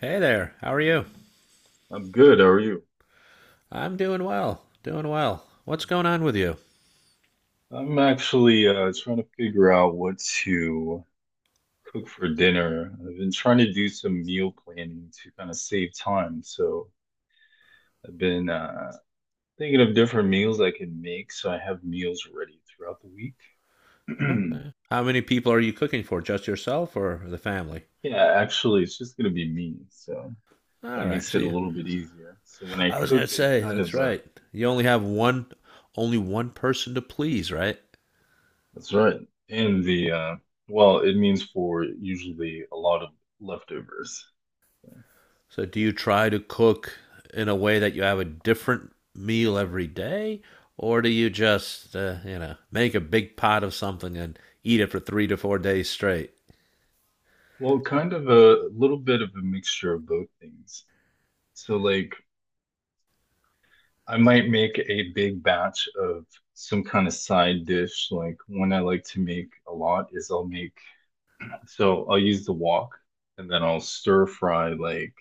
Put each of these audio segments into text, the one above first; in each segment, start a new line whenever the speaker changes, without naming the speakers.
Hey there, how are you?
I'm good. How are you?
I'm doing well, doing well. What's going on with you?
I'm actually trying to figure out what to cook for dinner. I've been trying to do some meal planning to kind of save time. So I've been thinking of different meals I can make so I have meals ready throughout the week.
Okay. How many people are you cooking for? Just yourself or the family?
Yeah, actually, it's just going to be me. So that
All right.
makes
So
it a
you,
little bit easier. So when I
I was gonna
cook, it
say,
kind
that's
of,
right. You only have one, only one person to please, right?
that's right. And the, well, it means for usually a lot of leftovers. So,
So do you try to cook in a way that you have a different meal every day, or do you just, you know, make a big pot of something and eat it for three to four days straight?
well, kind of a little bit of a mixture of both things. So, like, I might make a big batch of some kind of side dish. Like, one I like to make a lot is I'll make, so I'll use the wok and then I'll stir fry like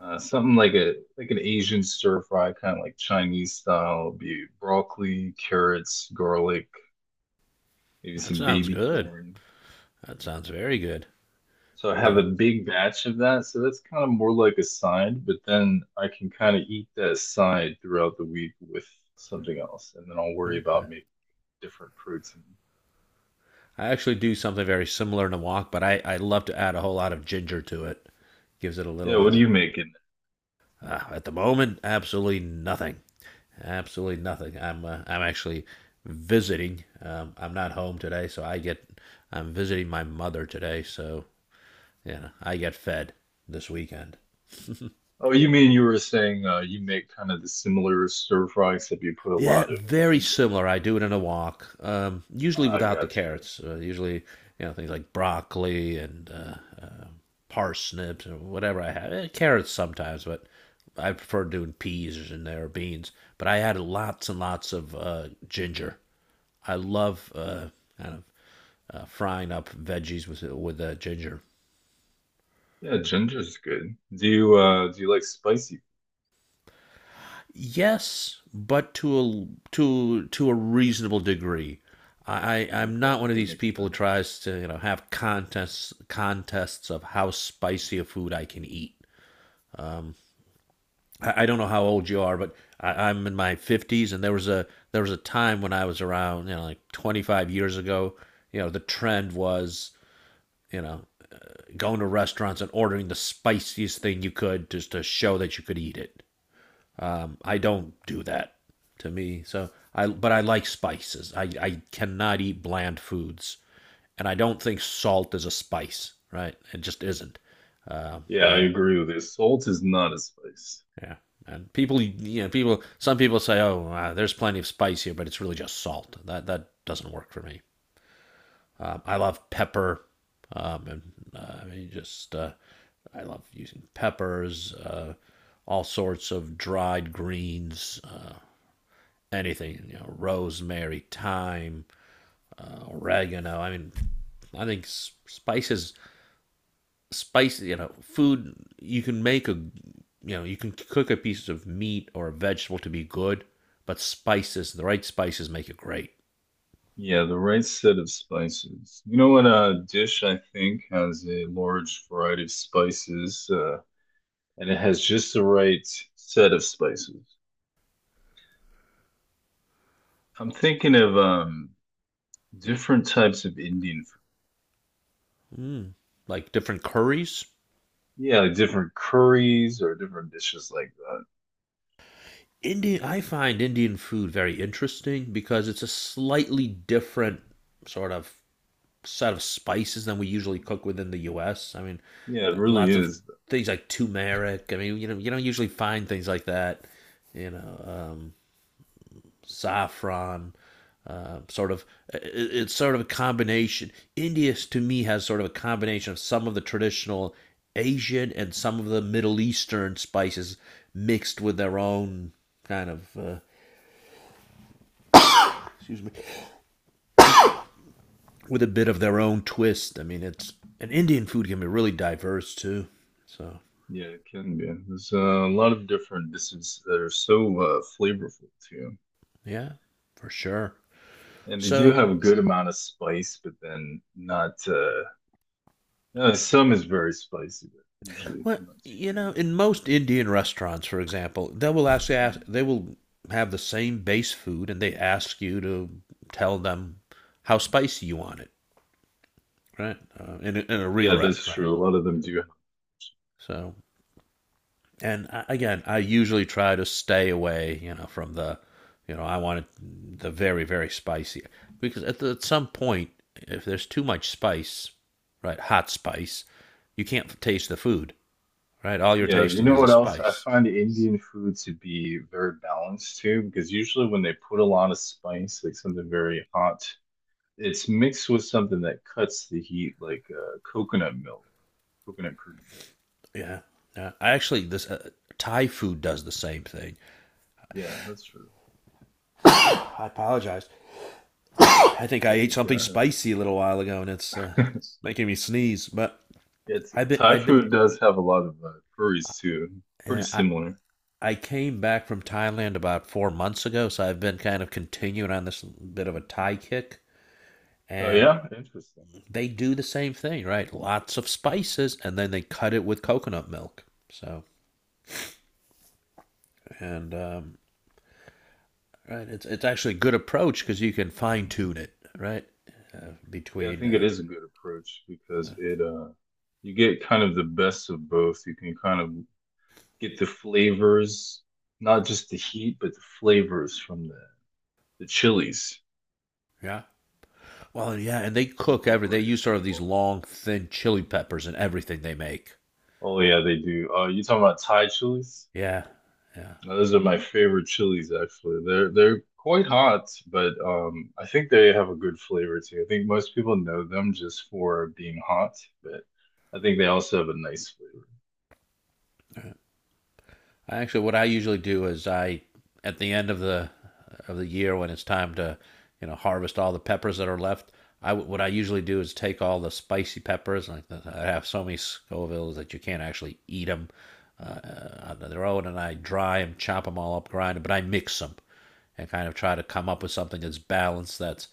something like a like an Asian stir fry, kind of like Chinese style. It'll be broccoli, carrots, garlic, maybe
That
some
sounds
baby
good.
corn.
That sounds very good.
So I have a
Yeah.
big batch of that. So that's kind of more like a side, but then I can kind of eat that side throughout the week with something else, and then I'll worry about making different protein.
I actually do something very similar in a wok, but I love to add a whole lot of ginger to it. Gives it a
Yeah,
little.
what do you make in
At the moment, absolutely nothing. Absolutely nothing. I'm actually visiting. I'm not home today, so I get. I'm visiting my mother today, so yeah, I get fed this weekend.
there? Oh, you mean you were saying you make kind of the similar stir fry except you put a
Yeah,
lot of
very
ginger.
similar. I do it in a wok, usually
Ah,
without the
got you.
carrots. Usually, you know, things like broccoli and uh, parsnips or whatever I have. Eh, carrots sometimes, but I prefer doing peas in there or beans. But I add lots and lots of ginger. I love kind of frying up veggies with ginger.
Yeah, ginger's good. Do you like spicy?
Yes, but to a to a reasonable degree. Am not
Okay,
one of
to an
these people who
extent.
tries to, you know, have contests of how spicy a food I can eat. I don't know how old you are, but I'm in my 50s, and there was a time when I was around, you know, like 25 years ago. You know, the trend was, you know, going to restaurants and ordering the spiciest thing you could just to show that you could eat it. I don't do that to me. So I, but I like spices. I cannot eat bland foods, and I don't think salt is a spice. Right? It just isn't.
Yeah,
I
I
think
agree with you. Salt is not a spice.
yeah. And people, you know, people. Some people say, "Oh, there's plenty of spice here, but it's really just salt." That doesn't work for me. I love pepper, and I mean, just I love using peppers, all sorts of dried greens. Anything, you know, rosemary, thyme, oregano. I mean, I think spice, you know, food, you can make a, you know, you can cook a piece of meat or a vegetable to be good, but spices, the right spices make it great.
Yeah, the right set of spices. You know what? A dish, I think, has a large variety of spices, and it has just the right set of spices. I'm thinking of different types of Indian food.
Mm. Like different curries.
Yeah, like different curries or different dishes like that.
Indian, I find Indian food very interesting because it's a slightly different sort of set of spices than we usually cook within the U.S. I mean,
Yeah, it really
lots of
is.
things like turmeric. I mean, you know, you don't usually find things like that. You know, saffron. Uh, sort of, it's sort of a combination. India, to me, has sort of a combination of some of the traditional Asian and some of the Middle Eastern spices mixed with their own kind of, with a bit of their own twist. I mean, it's and Indian food can be really diverse too. So
Yeah, it can be. There's a lot of different dishes that are so flavorful too,
yeah, for sure.
and they do
So,
have a good amount of spice, but then not uh, some is very spicy, but usually
well,
not too
you know,
crazy.
in most Indian restaurants, for example, they will ask,
Mhm.
they will have the same base food, and they ask you to tell them how spicy you want it, right? In a real
Yeah, that's
restaurant.
true. A lot of them do.
So, and I, again, I usually try to stay away, you know, from you know, I want it the very spicy because at some point, if there's too much spice, right, hot spice, you can't taste the food, right? All you're
Yeah, you
tasting
know
is a
what else? I
spice.
find Indian food to be very balanced too, because usually when they put a lot of spice, like something very hot, it's mixed with something that cuts the heat, like coconut milk, coconut cream.
Yeah. Yeah. I actually this Thai food does the same thing.
Yeah, that's true.
I apologize. I think
I
I ate something
forgot.
spicy a little while ago and it's making me sneeze. But
It's
I've been
Thai
I've been
food does have a lot of curries too, pretty
uh, I
similar.
I came back from Thailand about four months ago, so I've been kind of continuing on this bit of a Thai kick.
Oh
And
yeah, interesting.
they do the same thing, right? Lots of spices, and then they cut it with coconut milk. So, and right, it's actually a good approach because you can fine tune it, right,
Yeah, I
between
think it is a good approach because it you get kind of the best of both. You can kind of get the flavors, not just the heat, but the flavors from the chilies
Yeah. Well, yeah, and they cook every. They
incorporated
use
as
sort of these
well.
long, thin chili peppers in everything they make.
Oh yeah, they do. You talking about Thai chilies?
Yeah, yeah.
Now, those are my favorite chilies actually. They're quite hot, but I think they have a good flavor too. I think most people know them just for being hot, but I think they also have a nice flavor.
I actually, what I usually do is I, at the end of the year when it's time to, you know, harvest all the peppers that are left. I, what I usually do is take all the spicy peppers. Like the, I have so many Scovilles that you can't actually eat them on their own, and I dry them, chop them all up, grind them, but I mix them, and kind of try to come up with something that's balanced. That's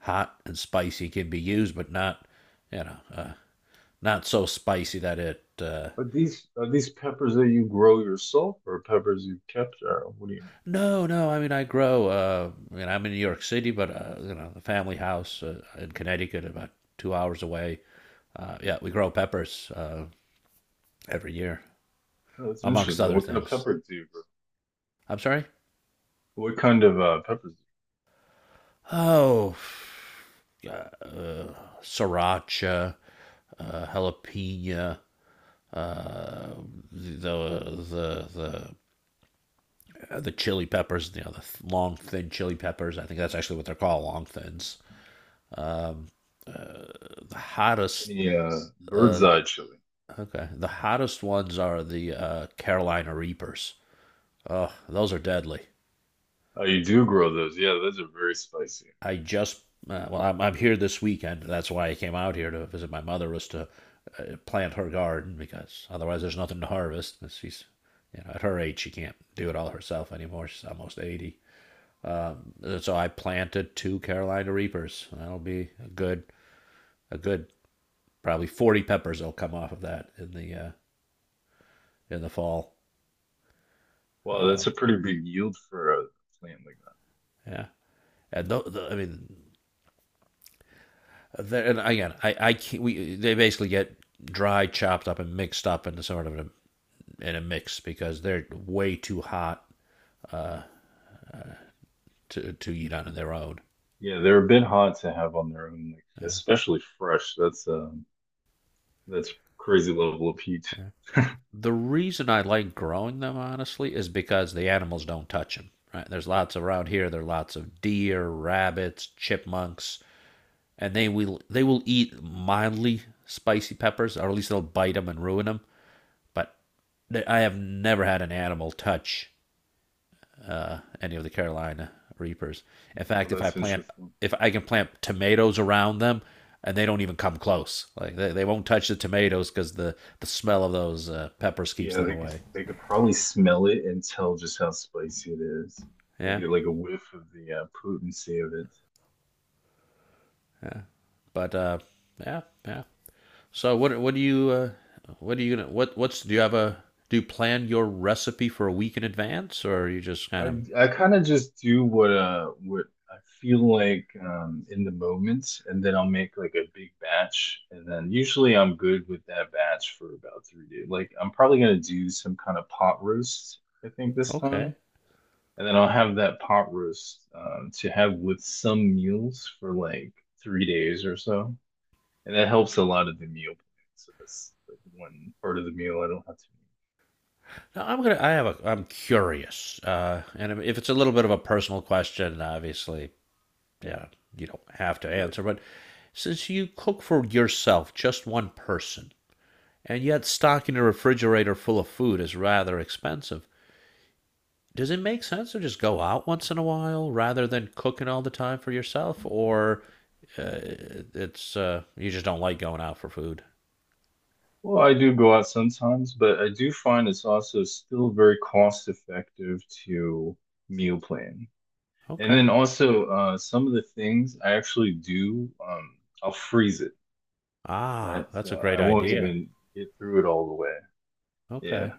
hot and spicy can be used, but not you know not so spicy that it.
But these are these peppers that you grow yourself or peppers you have capture? What do you mean?
No, no. I mean, I grow. I mean, I'm in New York City, but you know, the family house in Connecticut, about two hours away. Yeah, we grow peppers every year,
No, that's
amongst
interesting.
other
What kind of
things.
peppers do you grow?
I'm sorry.
What kind of peppers?
Oh, uh, uh, sriracha, jalapeno, uh, the the the the chili peppers, you know, the long thin chili peppers. I think that's actually what they're called, long thins. Um, uh, the hottest,
Any bird's
uh,
eye chili?
okay, the hottest ones are the Carolina Reapers. Oh, those are deadly.
Oh, you do grow those. Yeah, those are very spicy.
I just, well, I'm here this weekend. That's why I came out here to visit my mother was to plant her garden because otherwise there's nothing to harvest. She's, you know, at her age she can't do it all herself anymore. She's almost 80. Um, so I planted two Carolina Reapers. That'll be a good, probably 40 peppers will come off of that in the fall.
Wow,
Uh,
that's a pretty big yield for a plant like that.
yeah, the, I mean, and again, I can't, we they basically get dry, chopped up, and mixed up into sort of a, in a mix because they're way too hot uh, to eat on their own.
Yeah, they're a bit hot to have on their own, like
Yeah.
especially fresh. That's crazy level of heat.
The reason I like growing them, honestly, is because the animals don't touch them. Right? There's lots around here. There are lots of deer, rabbits, chipmunks, and they will eat mildly spicy peppers, or at least they'll bite them and ruin them. But they, I have never had an animal touch any of the Carolina reapers. In fact,
Well, that's interesting.
if I can plant tomatoes around them, and they don't even come close. Like they won't touch the tomatoes because the smell of those peppers keeps
Yeah,
them
they could
away.
they could probably smell it and tell just how spicy it is. They
Yeah.
get like a whiff of the potency of it.
But yeah, yeah. So what do you what are you gonna what what's do you have a do you plan your recipe for a week in advance or are you just kind of
I kind of just do what I feel like in the moment, and then I'll make like a big batch, and then usually I'm good with that batch for about 3 days. Like I'm probably gonna do some kind of pot roast, I think this
okay?
time, and then I'll have that pot roast to have with some meals for like 3 days or so. And that helps a lot of the meal plan. So that's like one part of the meal I don't have to make.
Now I'm gonna I have a I'm curious and if it's a little bit of a personal question, obviously, yeah, you don't have to
Sure.
answer. But since you cook for yourself, just one person, and yet stocking a refrigerator full of food is rather expensive. Does it make sense to just go out once in a while rather than cooking all the time for yourself or uh, it's you just don't like going out for food
Well, I do go out sometimes, but I do find it's also still very cost effective to meal plan. And
okay
then also, some of the things I actually do, I'll freeze it,
ah
right?
that's
So
a great
I won't
idea
even get through it all the way. Yeah.
okay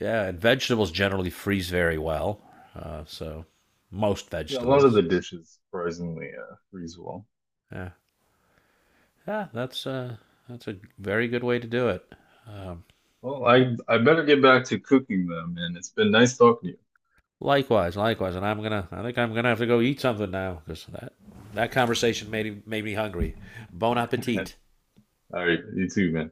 yeah and vegetables generally freeze very well so most
Yeah, a lot of
vegetables
the dishes surprisingly freeze well.
yeah yeah that's a very good way to do it um,
Well,
I-
I better get back to cooking them, and it's been nice talking to
likewise, likewise, and I'm gonna, I think I'm gonna have to go eat something now because that conversation made me hungry. Bon
you.
appetit.
All right, you too, man.